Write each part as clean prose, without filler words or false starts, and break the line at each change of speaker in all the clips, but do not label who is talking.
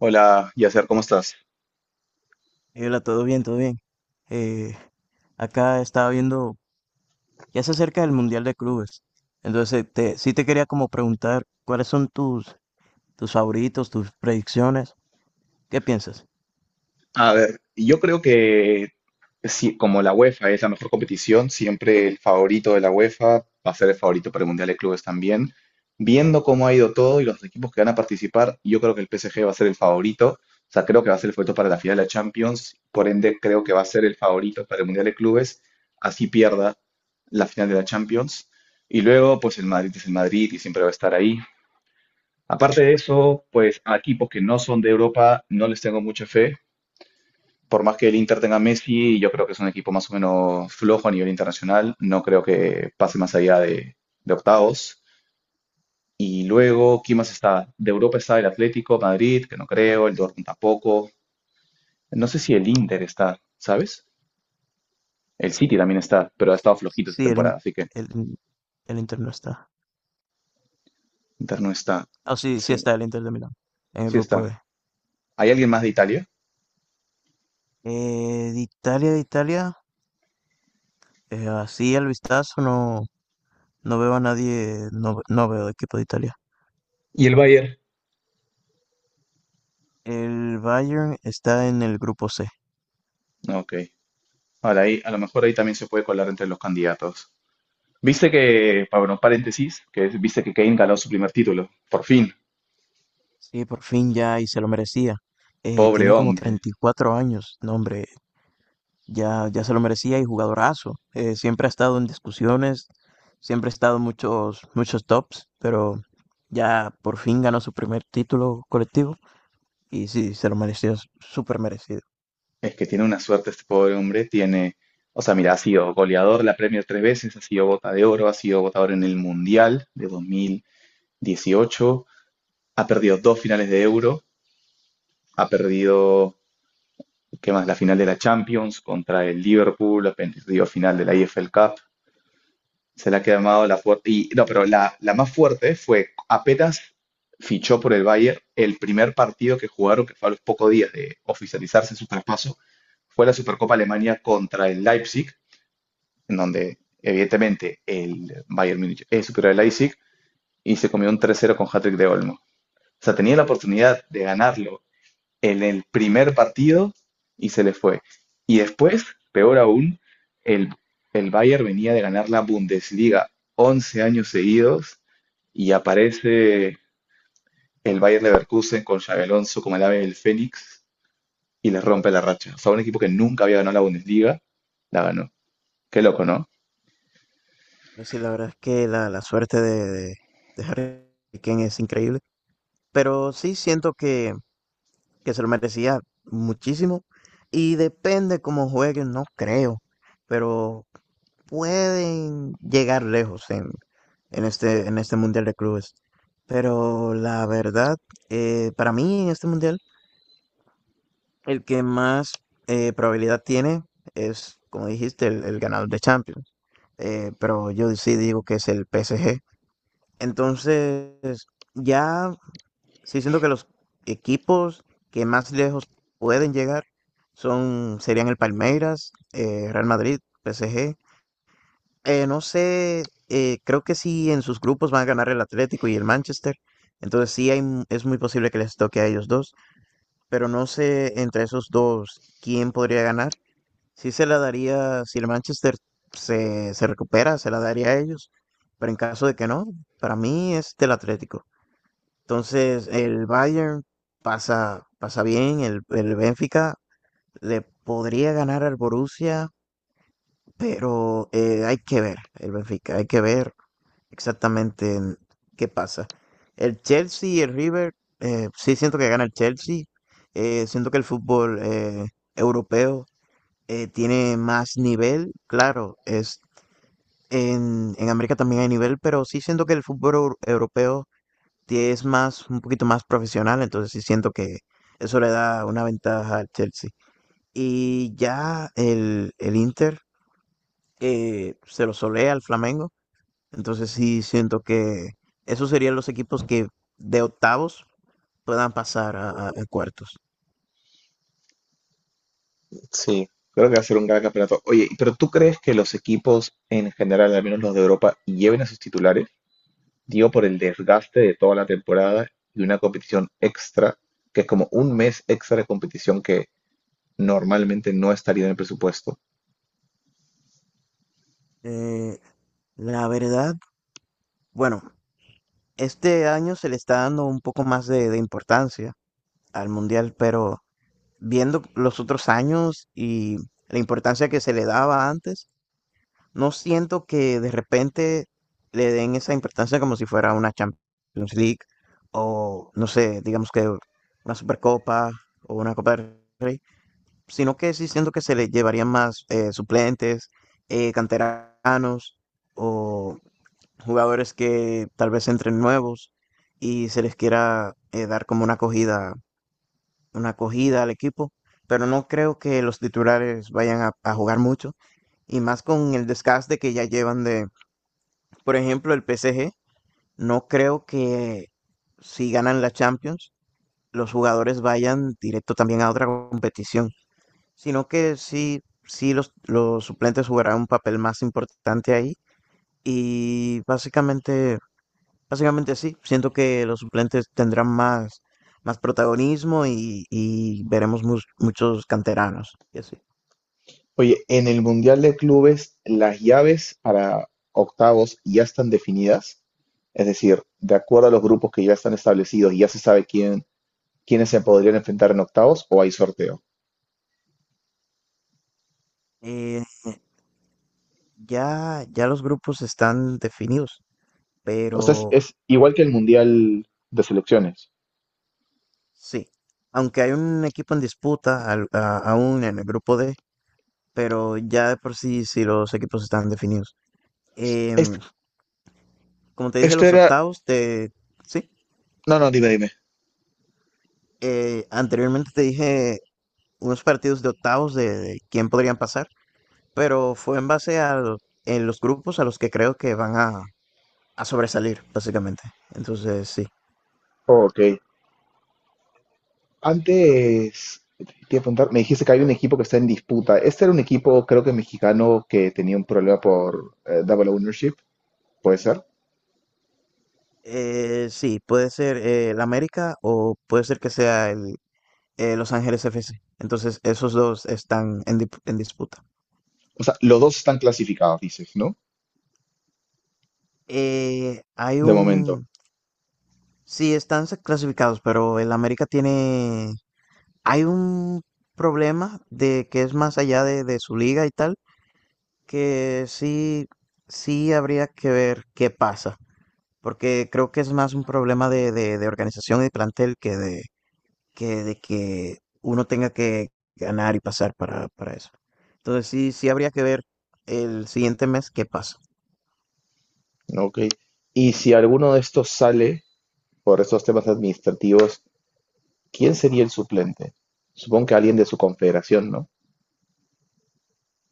Hola, Yasser, ¿cómo estás?
Hola, todo bien, todo bien. Eh, Acá estaba viendo, ya se acerca el Mundial de Clubes. Entonces, te, sí te quería como preguntar cuáles son tus, tus favoritos, tus predicciones. ¿Qué piensas?
A ver, yo creo que sí, como la UEFA es la mejor competición, siempre el favorito de la UEFA va a ser el favorito para el Mundial de Clubes también. Viendo cómo ha ido todo y los equipos que van a participar, yo creo que el PSG va a ser el favorito. O sea, creo que va a ser el favorito para la final de la Champions. Por ende, creo que va a ser el favorito para el Mundial de Clubes. Así pierda la final de la Champions. Y luego, pues el Madrid es el Madrid y siempre va a estar ahí. Aparte de eso, pues a equipos que no son de Europa no les tengo mucha fe. Por más que el Inter tenga Messi, yo creo que es un equipo más o menos flojo a nivel internacional. No creo que pase más allá de octavos. Y luego, ¿quién más está? De Europa está el Atlético, Madrid, que no creo, el Dortmund tampoco. No sé si el Inter está, ¿sabes? El City también está, pero ha estado flojito esta
Sí,
temporada, así que
el, el Inter no está.
Inter no está.
Ah, sí, sí
Sí,
está el Inter de Milán, en el
sí
grupo
está.
B.
¿Hay alguien más de Italia?
De Italia, de Italia, así al vistazo no, no veo a nadie, no, no veo equipo de Italia.
Y el Bayern,
El Bayern está en el grupo C.
ok. Ahora ahí, a lo mejor ahí también se puede colar entre los candidatos. Viste que, bueno, paréntesis, viste que Kane ganó su primer título. Por fin,
Sí, por fin ya y se lo merecía.
pobre
Tiene como
hombre.
34 años, no hombre, ya, ya se lo merecía y jugadorazo. Siempre ha estado en discusiones, siempre ha estado en muchos, muchos tops, pero ya por fin ganó su primer título colectivo y sí, se lo mereció, súper merecido.
Es que tiene una suerte este pobre hombre. Tiene, o sea, mira, ha sido goleador de la Premier tres veces, ha sido bota de oro, ha sido votador en el Mundial de 2018, ha perdido dos finales de Euro, ha perdido, ¿qué más? La final de la Champions contra el Liverpool, ha perdido final de la EFL Cup. Se la ha quemado la fuerte. Y no, pero la más fuerte fue apenas fichó por el Bayern el primer partido que jugaron, que fue a los pocos días de oficializarse su traspaso, fue la Supercopa Alemania contra el Leipzig, en donde evidentemente el Bayern Múnich es superior al Leipzig y se comió un 3-0 con hat-trick de Olmo. O sea, tenía la oportunidad de ganarlo en el primer partido y se le fue. Y después, peor aún, el, el Bayern venía de ganar la Bundesliga 11 años seguidos y aparece el Bayern Leverkusen con Xabi Alonso como el ave del Fénix y le rompe la racha. O sea, un equipo que nunca había ganado la Bundesliga, la ganó. Qué loco, ¿no?
Sí, la verdad es que la suerte de Harry Kane es increíble, pero sí siento que se lo merecía muchísimo. Y depende cómo jueguen, no creo, pero pueden llegar lejos en este Mundial de Clubes. Pero la verdad, para mí en este Mundial, el que más probabilidad tiene es, como dijiste, el ganador de Champions. Pero yo sí digo que es el PSG. Entonces, ya sí siento que los equipos que más lejos pueden llegar son, serían el Palmeiras, Real Madrid, PSG. No sé, creo que sí en sus grupos van a ganar el Atlético y el Manchester. Entonces sí hay, es muy posible que les toque a ellos dos, pero no sé entre esos dos quién podría ganar. Sí se la daría, si el Manchester se, se recupera, se la daría a ellos, pero en caso de que no, para mí es del Atlético. Entonces, el Bayern pasa, pasa bien, el Benfica le podría ganar al Borussia, pero hay que ver el Benfica, hay que ver exactamente en qué pasa. El Chelsea y el River, sí siento que gana el Chelsea, siento que el fútbol europeo tiene más nivel, claro, es en América también hay nivel, pero sí siento que el fútbol europeo es más, un poquito más profesional, entonces sí siento que eso le da una ventaja al Chelsea. Y ya el Inter se lo solea al Flamengo, entonces sí siento que esos serían los equipos que de octavos puedan pasar a, a cuartos.
Sí, creo que va a ser un gran campeonato. Oye, pero ¿tú crees que los equipos en general, al menos los de Europa, lleven a sus titulares? Dio por el desgaste de toda la temporada y una competición extra, que es como un mes extra de competición que normalmente no estaría en el presupuesto.
Eh, la verdad, bueno, este año se le está dando un poco más de importancia al Mundial, pero viendo los otros años y la importancia que se le daba antes, no siento que de repente le den esa importancia como si fuera una Champions League o, no sé, digamos que una Supercopa o una Copa del Rey, sino que sí siento que se le llevarían más suplentes, canteranos o jugadores que tal vez entren nuevos y se les quiera dar como una acogida al equipo, pero no creo que los titulares vayan a jugar mucho y más con el desgaste que ya llevan de por ejemplo, el PSG, no creo que si ganan la Champions, los jugadores vayan directo también a otra competición, sino que sí, sí los suplentes jugarán un papel más importante ahí. Y básicamente, básicamente sí, siento que los suplentes tendrán más, más protagonismo y veremos muchos canteranos y así.
Oye, en el Mundial de Clubes, las llaves para octavos ya están definidas, es decir, de acuerdo a los grupos que ya están establecidos, ya se sabe quién, quiénes se podrían enfrentar en octavos o hay sorteo.
Eh, ya, ya los grupos están definidos,
O sea,
pero
es igual que el Mundial de Selecciones.
sí, aunque hay un equipo en disputa aún en el grupo D, pero ya de por sí, sí los equipos están definidos. Em,
Este-
como te dije,
esto
los
era...
octavos de... Sí,
No, no, dime, dime.
anteriormente te dije unos partidos de octavos de quién podrían pasar, pero fue en base a en los grupos a los que creo que van a sobresalir, básicamente. Entonces, sí.
Ok, antes, te iba a preguntar, me dijiste que hay un equipo que está en disputa. Este era un equipo, creo que mexicano, que tenía un problema por double ownership, ¿puede ser?
Sí, puede ser el América o puede ser que sea el Los Ángeles FC. Entonces, esos dos están en, en disputa.
O sea, los dos están clasificados, dices, ¿no?
Hay
De momento,
un... Sí, están clasificados, pero el América tiene... Hay un problema de que es más allá de su liga y tal, que sí, sí habría que ver qué pasa, porque creo que es más un problema de organización y de plantel que de, que de que uno tenga que ganar y pasar para eso. Entonces sí, sí habría que ver el siguiente mes qué pasa.
¿no? Ok. Y si alguno de estos sale por estos temas administrativos, ¿quién sería el suplente? Supongo que alguien de su confederación, ¿no?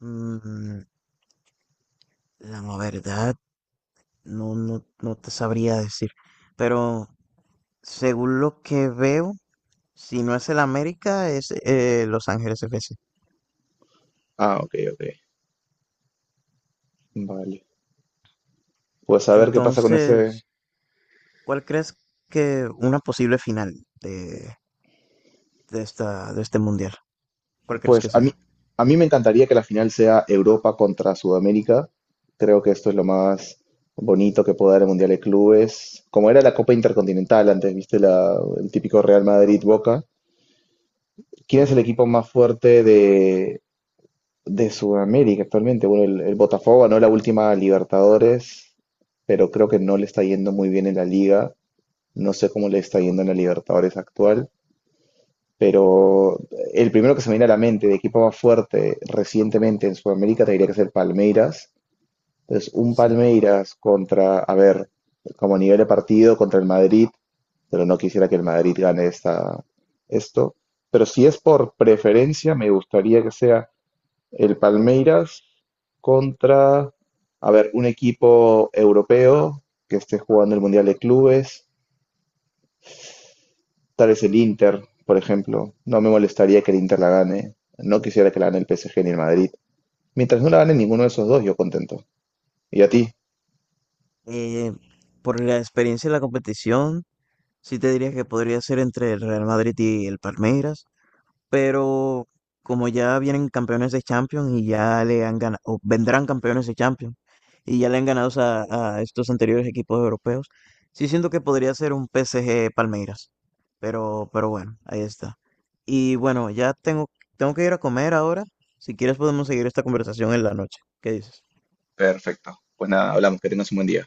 Mm, la verdad, no, no, no te sabría decir, pero según lo que veo, si no es el América, es Los Ángeles FC.
Ah, ok, ok. Vale. Pues a ver qué pasa con ese,
Entonces, ¿cuál crees que una posible final de, de esta, de este mundial? ¿Cuál crees
pues
que sea?
a mí me encantaría que la final sea Europa contra Sudamérica. Creo que esto es lo más bonito que puede dar el Mundial de Clubes. Como era la Copa Intercontinental antes, viste la, el típico Real Madrid-Boca. ¿Quién es el
Sí.
equipo más fuerte de Sudamérica actualmente? Bueno, el Botafogo ganó la última Libertadores, pero creo que no le está yendo muy bien en la liga. No sé cómo le está yendo en la Libertadores actual, pero el primero que se me viene a la mente de equipo más fuerte recientemente en Sudamérica tendría que ser Palmeiras. Entonces, un
Sí.
Palmeiras contra, a ver, como nivel de partido contra el Madrid, pero no quisiera que el Madrid gane esto. Pero si es por preferencia, me gustaría que sea el Palmeiras contra, a ver, un equipo europeo que esté jugando el Mundial de Clubes. Tal vez el Inter, por ejemplo. No me molestaría que el Inter la gane. No quisiera que la gane el PSG ni el Madrid. Mientras no la gane ninguno de esos dos, yo contento. ¿Y a ti?
Eh, por la experiencia de la competición, sí te diría que podría ser entre el Real Madrid y el Palmeiras, pero como ya vienen campeones de Champions y ya le han ganado, o vendrán campeones de Champions y ya le han ganado a estos anteriores equipos europeos, sí siento que podría ser un PSG Palmeiras, pero bueno, ahí está. Y bueno, ya tengo, tengo que ir a comer ahora. Si quieres podemos seguir esta conversación en la noche. ¿Qué dices?
Perfecto. Pues nada, hablamos, que tengas un buen día.